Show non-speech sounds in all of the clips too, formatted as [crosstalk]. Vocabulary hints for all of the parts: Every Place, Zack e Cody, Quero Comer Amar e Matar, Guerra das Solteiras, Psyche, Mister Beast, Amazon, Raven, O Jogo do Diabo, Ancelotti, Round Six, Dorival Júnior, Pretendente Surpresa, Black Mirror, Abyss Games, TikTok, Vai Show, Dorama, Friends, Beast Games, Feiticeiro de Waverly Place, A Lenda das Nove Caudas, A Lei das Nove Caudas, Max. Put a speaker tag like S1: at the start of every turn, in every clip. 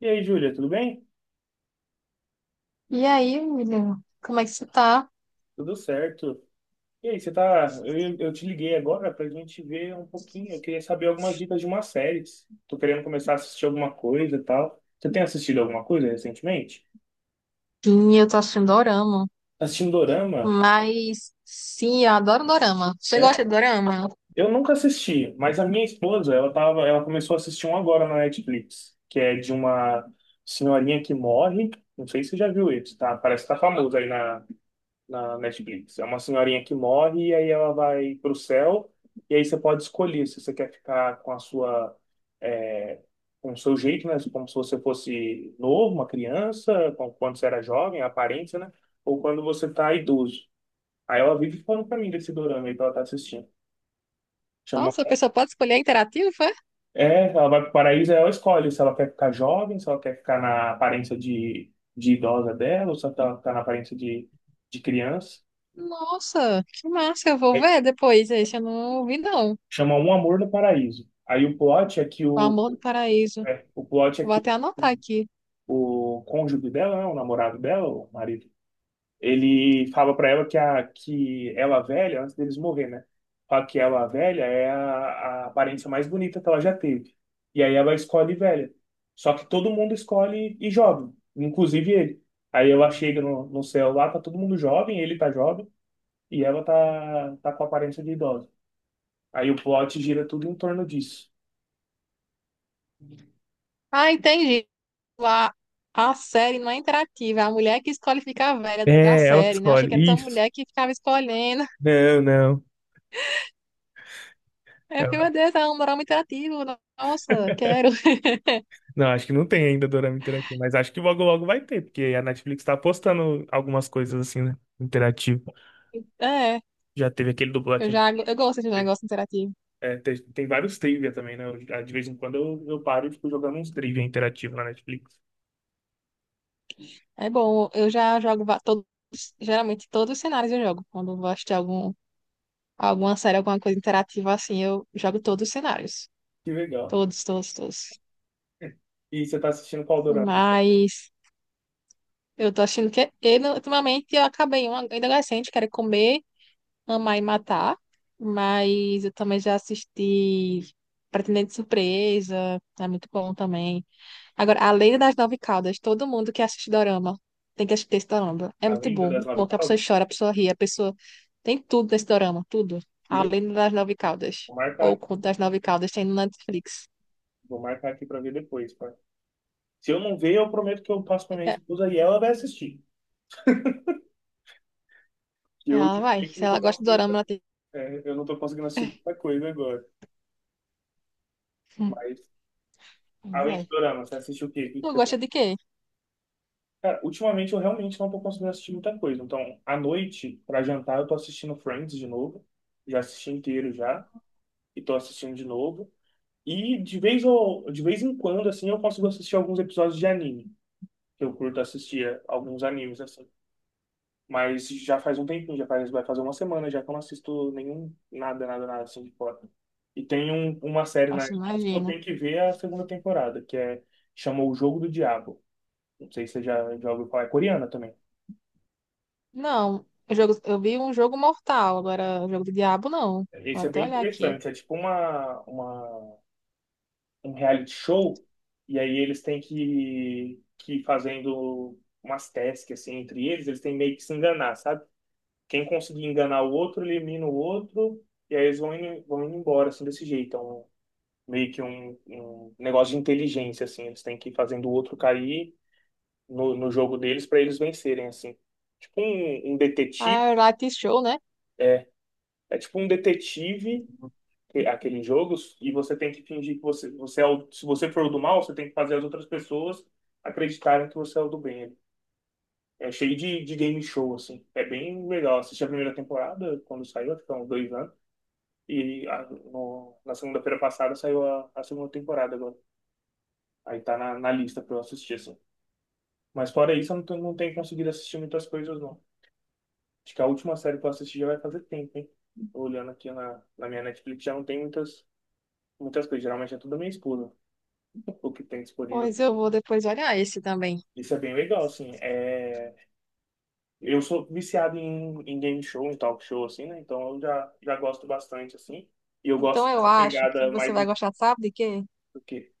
S1: E aí, Júlia, tudo bem?
S2: E aí, menina, como é que você tá?
S1: Tudo certo. E aí, você tá. Eu te liguei agora pra gente ver um pouquinho. Eu queria saber algumas dicas de uma série. Tô querendo começar a assistir alguma coisa e tal. Você tem assistido alguma coisa recentemente?
S2: Sim, eu tô assistindo Dorama.
S1: Tá assistindo Dorama?
S2: Sim, eu adoro Dorama. Você
S1: É?
S2: gosta de Dorama?
S1: Eu nunca assisti, mas a minha esposa, ela começou a assistir um agora na Netflix, que é de uma senhorinha que morre. Não sei se você já viu isso, tá? Parece que tá famoso aí na Netflix. É uma senhorinha que morre e aí ela vai para o céu e aí você pode escolher se você quer ficar com a sua é, com o seu jeito, né? Como se você fosse novo, uma criança, quando você era jovem, a aparência, né? Ou quando você tá idoso. Aí ela vive falando pra mim desse dorama aí que ela tá assistindo. Chama...
S2: Nossa, a pessoa pode escolher interativo, é?
S1: É, ela vai pro paraíso, aí ela escolhe se ela quer ficar jovem, se ela quer ficar na aparência de idosa dela, ou se ela quer ficar na aparência de criança.
S2: Nossa, que massa, eu vou ver depois. Esse eu não vi, não.
S1: Chama Um Amor no Paraíso. Aí
S2: O Amor do Paraíso.
S1: o plot é
S2: Vou
S1: que
S2: até anotar aqui.
S1: o cônjuge dela, né, o namorado dela, o marido, ele fala pra ela que ela velha, antes deles morrer, né? Fala que ela velha é a aparência mais bonita que ela já teve. E aí ela escolhe velha. Só que todo mundo escolhe e jovem, inclusive ele. Aí ela chega no céu lá, tá todo mundo jovem, ele tá jovem, e ela tá com a aparência de idosa. Aí o plot gira tudo em torno disso.
S2: Ah, entendi. A, a série não é interativa, é a mulher que escolhe ficar velha da
S1: É, ela que
S2: série, né? Achei
S1: escolhe.
S2: que era tão
S1: Isso.
S2: mulher que ficava escolhendo.
S1: Não, não.
S2: É,
S1: Ela-
S2: meu Deus, é um Dorama interativo. Nossa, quero. [laughs]
S1: Não, acho que não tem ainda dorama interativo, mas acho que logo logo vai ter, porque a Netflix tá apostando algumas coisas assim, né? Interativo.
S2: É.
S1: Já teve aquele do Black
S2: Eu
S1: Mirror.
S2: já eu gosto de negócio interativo.
S1: É, tem vários trivia também, né? De vez em quando eu paro e fico jogando uns trivia interativo na Netflix.
S2: É bom, eu já todos, geralmente todos os cenários eu jogo. Quando eu vou assistir algum, alguma série, alguma coisa interativa assim, eu jogo todos os cenários.
S1: Que legal.
S2: Todos, todos, todos.
S1: E você tá assistindo qual dorama?
S2: Mas eu tô achando que é, eu, não- ultimamente eu acabei um ainda adolescente, quero comer, amar e matar. Mas eu também já assisti Pretendente Surpresa, é muito bom também. Agora, A Lei das Nove Caudas, todo mundo que assiste Dorama tem que assistir esse Dorama. É
S1: A
S2: muito
S1: Lenda
S2: bom,
S1: das
S2: muito bom,
S1: Nove
S2: que a pessoa
S1: Caudas?
S2: chora, a pessoa ri, a pessoa tem tudo nesse Dorama, tudo.
S1: Que
S2: A
S1: legal.
S2: Lei das Nove Caudas,
S1: Vou
S2: ou o
S1: marcar,
S2: Conto das Nove Caudas, tem no Netflix.
S1: vou marcar aqui pra ver depois, pá. Se eu não ver, eu prometo que eu passo pra minha
S2: É.
S1: esposa e ela vai assistir. E eu
S2: Ela vai,
S1: ultimamente
S2: se
S1: não tô
S2: ela gosta de Dorama,
S1: conseguindo.
S2: ela tem.
S1: É, eu não tô conseguindo assistir muita coisa agora.
S2: Hum.
S1: Mas, além
S2: Vai.
S1: de dorama, você assiste o quê?
S2: E
S1: O que
S2: tu
S1: que você tem?
S2: gosta de quê?
S1: Cara, ultimamente eu realmente não tô conseguindo assistir muita coisa. Então, à noite, pra jantar, eu tô assistindo Friends de novo. Já assisti inteiro já. E tô assistindo de novo. E de vez em quando, assim, eu consigo assistir alguns episódios de anime. Eu curto assistir alguns animes, assim. Mas já faz um tempinho, vai fazer uma semana já que eu não assisto nenhum, nada, nada, nada assim de fora. E tem uma série na
S2: Nossa,
S1: Netflix que eu
S2: imagino.
S1: tenho que ver a segunda temporada, chamou O Jogo do Diabo. Não sei se você já ouviu falar, é coreana também.
S2: Não, eu vi um jogo mortal, agora o jogo do diabo não. Vou
S1: Esse é
S2: até
S1: bem
S2: olhar aqui.
S1: interessante, é tipo um reality show, e aí eles têm que ir fazendo umas tasks assim, entre eles, eles têm meio que se enganar, sabe? Quem conseguir enganar o outro, elimina o outro, e aí eles vão indo embora, assim, desse jeito. É um meio que um negócio de inteligência, assim. Eles têm que ir fazendo o outro cair no jogo deles para eles vencerem, assim. Tipo um
S2: Ah,
S1: detetive,
S2: é o Light Show, né?
S1: é, é tipo um detetive aquele jogo e você tem que fingir que você se você for o do mal, você tem que fazer as outras pessoas acreditarem que você é o do bem. É cheio de game show, assim. É bem legal. Assisti a primeira temporada, quando saiu, acho que há uns 2 anos. E na segunda-feira passada saiu a segunda temporada agora. Aí tá na lista pra eu assistir, assim. Mas fora isso, eu não tenho conseguido assistir muitas coisas, não. Acho que a última série que eu assisti já vai fazer tempo, hein? Tô olhando aqui na minha Netflix, já não tem muitas, muitas coisas. Geralmente é tudo da minha esposa, [laughs] o que tem disponível.
S2: Pois eu vou depois olhar esse também.
S1: Isso é bem legal, assim. Eu sou viciado em game show, em talk show, assim, né? Então eu já gosto bastante, assim. E eu
S2: Então
S1: gosto
S2: eu
S1: dessa
S2: acho que
S1: pegada
S2: você
S1: mais
S2: vai
S1: do
S2: gostar, sabe de quê?
S1: que...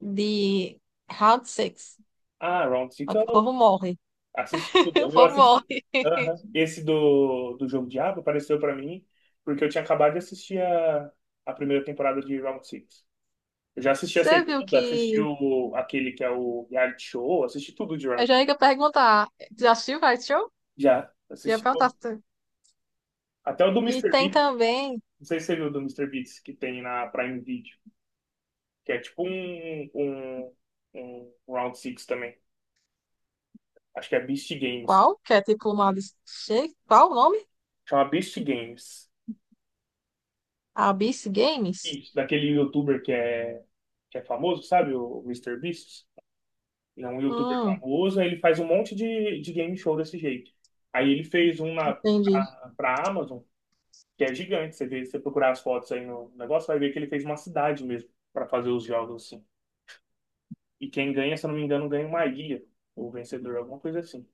S2: De Round Six.
S1: Ah, Round Six,
S2: O povo morre.
S1: assisti
S2: [laughs] O
S1: tudo, eu
S2: povo
S1: assisti.
S2: morre.
S1: Aham. Esse do Jogo Diabo apareceu pra mim porque eu tinha acabado de assistir a primeira temporada de Round Six. Eu já assisti a
S2: Você viu
S1: segunda, assisti
S2: que.
S1: aquele que é o reality show, assisti tudo de
S2: Eu
S1: Round.
S2: já ia perguntar. Já assistiu Vai Show?
S1: Já,
S2: Já
S1: assisti
S2: perguntar.
S1: tudo.
S2: Se-
S1: Até o do
S2: E
S1: Mister
S2: tem
S1: Beast,
S2: também.
S1: não sei se você viu o do Mister Beast que tem na Prime Video, que é tipo um Round Six também. Acho que é Beast Games.
S2: Qual? Que é tipo uma. Des- che- Qual o nome?
S1: Chama Beast Games.
S2: Abyss Games?
S1: Isso, daquele youtuber que é famoso, sabe? O Mister Beast. Ele é um youtuber
S2: Hum,
S1: famoso, aí ele faz um monte de game show desse jeito. Aí ele fez um na,
S2: entendi.
S1: pra, pra Amazon, que é gigante. Você vê, você procurar as fotos aí no negócio, vai ver que ele fez uma cidade mesmo pra fazer os jogos assim. E quem ganha, se eu não me engano, ganha uma ilha. O vencedor, alguma coisa assim.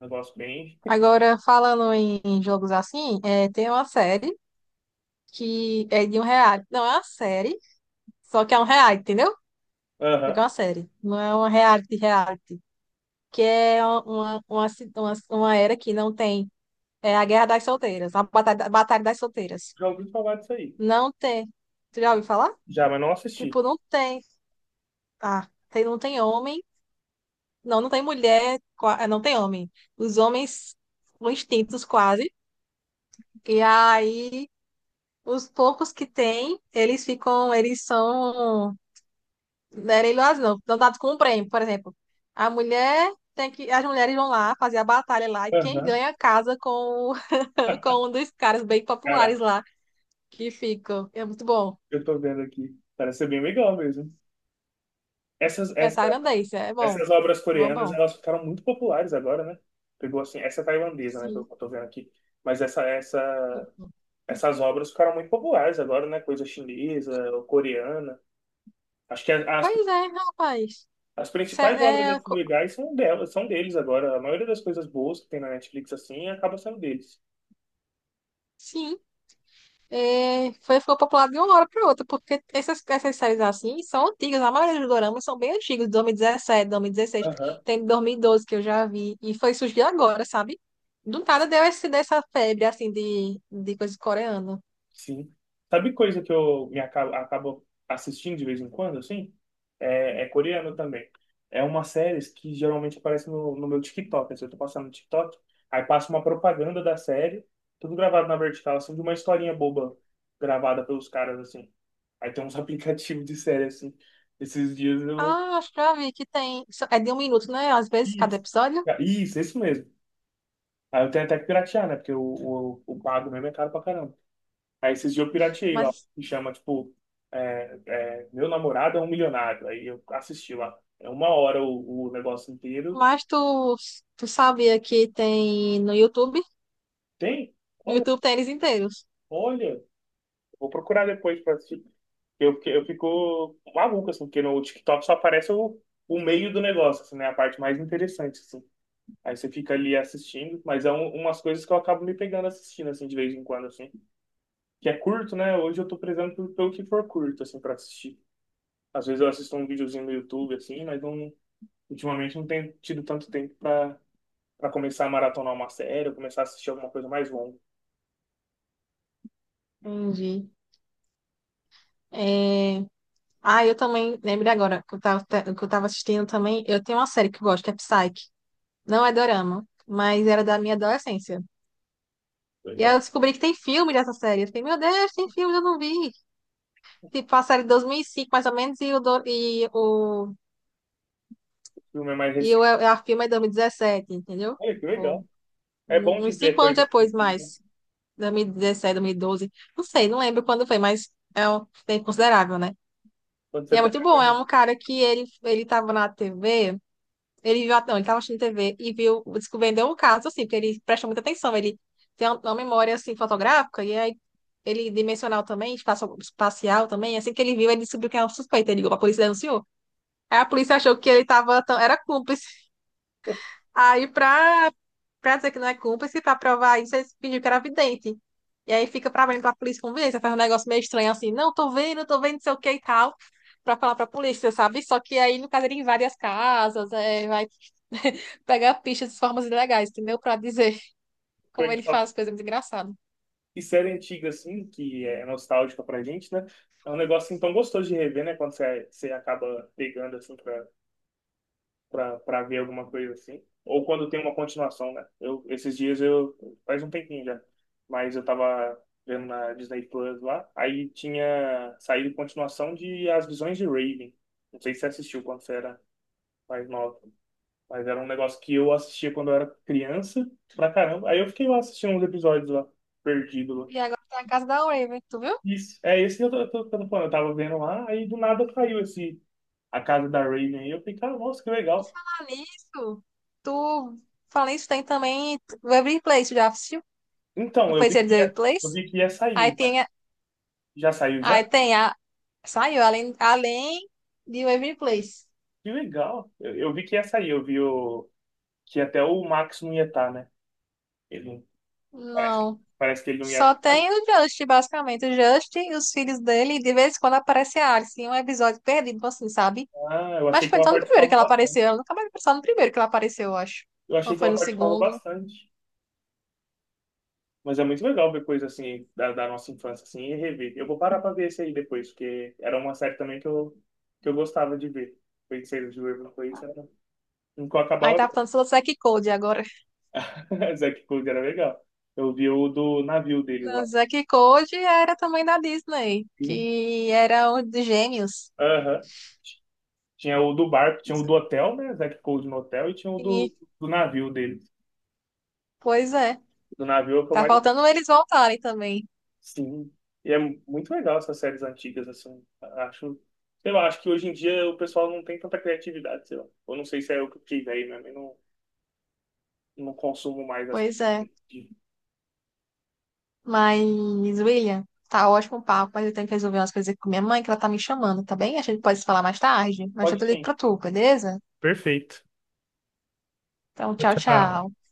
S1: Um negócio bem.
S2: Agora, falando em jogos assim, é, tem uma série que é de um reality. Não, é uma série, só que é um reality, entendeu? Porque
S1: Aham.
S2: é uma série. Não é uma reality. Que é uma era que não tem. É a Guerra das Solteiras, a Batalha das Solteiras.
S1: Já ouvi falar disso aí.
S2: Não tem. Tu já ouviu falar?
S1: Já, mas não assisti.
S2: Tipo, não tem. Ah, tem, não tem homem. Não, não tem mulher. Não tem homem. Os homens são extintos quase. E aí, os poucos que tem, eles ficam, eles são. Não era iluas, não. Não dado com um prêmio, por exemplo. A mulher tem que. As mulheres vão lá fazer a batalha lá. E quem
S1: Aham.
S2: ganha casa com, [laughs] com um dos caras bem populares
S1: Cara,
S2: lá que ficam. É muito bom.
S1: eu tô vendo aqui. Parece ser bem legal mesmo. Essas,
S2: É
S1: essa
S2: tailandês, é bom.
S1: Essas obras
S2: É bom,
S1: coreanas,
S2: bom.
S1: elas ficaram muito populares agora, né? Pegou assim, essa é tailandesa, né, pelo
S2: Sim.
S1: que eu tô vendo aqui. Mas essas obras ficaram muito populares agora, né? Coisa chinesa, ou coreana. Acho que a- as,
S2: Pois é, rapaz.
S1: as
S2: Isso
S1: principais obras
S2: É, é,
S1: das
S2: co-
S1: legais são delas, são deles agora. A maioria das coisas boas que tem na Netflix, assim, acaba sendo deles.
S2: sim, é, foi, ficou popular de uma hora para outra, porque essas séries assim são antigas. A maioria dos doramas são bem antigos, de 2017, 2016. Tem de 2012 que eu já vi. E foi surgir agora, sabe? Do nada deu esse, dessa febre, assim, de coisa coreana.
S1: Sim. Sabe coisa que eu me acabo, acabo assistindo de vez em quando, assim? É coreano também. É uma série que geralmente aparece no meu TikTok. Assim, eu tô passando no TikTok, aí passa uma propaganda da série, tudo gravado na vertical, assim, de uma historinha boba gravada pelos caras, assim. Aí tem uns [laughs] aplicativos de série, assim. Esses dias eu...
S2: Ah, acho que já vi que tem. É de um minuto, né? Às vezes, cada
S1: Isso,
S2: episódio.
S1: Ah, isso mesmo. Aí eu tenho até que piratear, né? Porque o pago mesmo é caro pra caramba. Aí esses dias eu pirateei lá,
S2: Mas,
S1: que chama, tipo, Meu Namorado é um Milionário. Aí eu assisti lá. É uma hora o negócio inteiro.
S2: mas tu sabia que tem no YouTube?
S1: Tem?
S2: No
S1: Olha,
S2: YouTube tem eles inteiros.
S1: olha. Vou procurar depois pra assistir. Eu fico maluco, assim, porque no TikTok só aparece o meio do negócio, assim, né? A parte mais interessante, assim. Aí você fica ali assistindo, mas é umas coisas que eu acabo me pegando assistindo, assim, de vez em quando, assim. Que é curto, né? Hoje eu tô prezando pelo que for curto, assim, pra assistir. Às vezes eu assisto um videozinho no YouTube, assim, mas não. Ultimamente não tenho tido tanto tempo para começar a maratonar uma série, ou começar a assistir alguma coisa mais longa.
S2: Entendi. É... Ah, eu também, lembrei agora, que eu tava assistindo também, eu tenho uma série que eu gosto, que é Psyche. Não é dorama, mas era da minha adolescência. E aí
S1: Legal.
S2: eu descobri que tem filme dessa série. Eu fiquei, meu Deus, tem filme, eu não vi. Tipo, a série de 2005, mais ou menos, e o, do-
S1: O filme é mais
S2: e o
S1: recente.
S2: é, a filme é 2017, entendeu?
S1: Olha que
S2: Tipo,
S1: legal. É bom de
S2: uns
S1: ver
S2: 5 anos
S1: coisa
S2: depois,
S1: antiga, né?
S2: mais. 2017, 2012. Não sei, não lembro quando foi, mas é um tempo considerável, né?
S1: Quando você
S2: E é muito
S1: pega
S2: bom, é
S1: coisa.
S2: um cara que ele tava na TV, ele viu, não, ele tava assistindo TV e viu, descobriu um caso, assim, porque ele presta muita atenção, ele tem um, uma memória, assim, fotográfica, e aí ele dimensional também, espacial também, assim que ele viu, ele descobriu que era um suspeito, ele ligou pra polícia e denunciou. Aí a polícia achou que ele tava, era cúmplice. Aí, pra, pra dizer que não é cúmplice, pra provar isso, eles pediram que era vidente. E aí fica pra mim, pra polícia convencer, faz um negócio meio estranho assim, não, tô vendo, não sei o que e tal, pra falar pra polícia, sabe? Só que aí, no caso, ele invade as casas, é, vai [laughs] pegar pistas de formas ilegais, entendeu? Pra dizer, como ele
S1: Legal.
S2: faz coisa muito engraçada.
S1: E série antiga, assim, que é nostálgica pra gente, né? É um negócio assim, tão gostoso de rever, né? Quando você acaba pegando, assim, pra ver alguma coisa assim. Ou quando tem uma continuação, né? Eu, esses dias eu. Faz um tempinho já. Mas eu tava vendo na Disney Plus lá. Aí tinha saído continuação de As Visões de Raven. Não sei se você assistiu quando você era mais nova. Mas era um negócio que eu assistia quando eu era criança pra caramba. Aí eu fiquei lá assistindo uns episódios lá, perdido lá.
S2: E agora tá na casa da Raven, tu viu?
S1: Isso. É esse que eu tô falando. Eu tava vendo lá, aí do nada caiu esse. A casa da Raven aí. Eu fiquei, cara, nossa, que
S2: Por
S1: legal.
S2: falar nisso, tu fala isso, tem também o Every Place, já assistiu? Não
S1: Então, eu
S2: foi
S1: vi
S2: esse
S1: que
S2: Every
S1: ia, eu
S2: Place?
S1: vi que ia
S2: Aí
S1: sair, né?
S2: tem
S1: Já saiu já?
S2: Aí tem a. Saiu, além de Waving Place.
S1: Que legal. Eu vi que ia sair. Eu vi que até o Max não ia estar, né? Ele não- parece,
S2: Não.
S1: parece que ele não ia
S2: Só
S1: estar.
S2: tem o Just, basicamente. O Just, e os filhos dele, e de vez em quando aparece a Alice em um episódio perdido, tipo assim, sabe?
S1: Ah, eu
S2: Mas
S1: achei que
S2: foi
S1: ela
S2: só no primeiro
S1: participava
S2: que ela
S1: bastante.
S2: apareceu. Ela nunca mais vi, só no primeiro que ela apareceu, eu acho.
S1: Eu
S2: Não
S1: achei que
S2: foi no
S1: ela participava
S2: segundo.
S1: bastante. Mas é muito legal ver coisa assim da nossa infância assim e rever. Eu vou parar pra ver esse aí depois, porque era uma série também que eu gostava de ver. Feiticeiro de Waverly Place era... Nunca
S2: Aí
S1: acabava.
S2: tá falando sobre o Zack e Cody agora.
S1: [laughs] Zack Code era legal. Eu vi o do navio deles
S2: Não,
S1: lá.
S2: o Zack e Cody era também da Disney,
S1: Uhum.
S2: que era um dos gêmeos.
S1: Aham. Tinha o do barco, tinha o do hotel, né? Zack Cold no hotel, e tinha o
S2: E,
S1: do navio dele.
S2: pois é.
S1: Do navio é o que eu
S2: Tá
S1: mais.
S2: faltando eles voltarem também.
S1: Sim. E é muito legal essas séries antigas, assim. Acho. Sei lá, acho que hoje em dia o pessoal não tem tanta criatividade, sei lá. Eu não sei se é eu que fiquei aí mesmo. Eu não consumo mais as.
S2: Pois é. Mas, William, tá ótimo o papo, mas eu tenho que resolver umas coisas aqui com minha mãe, que ela tá me chamando, tá bem? A gente pode se falar mais tarde, mas
S1: Pode
S2: eu te ligo
S1: sim.
S2: pra tu, beleza?
S1: Perfeito.
S2: Então,
S1: Tchau.
S2: tchau,
S1: Tchau.
S2: tchau.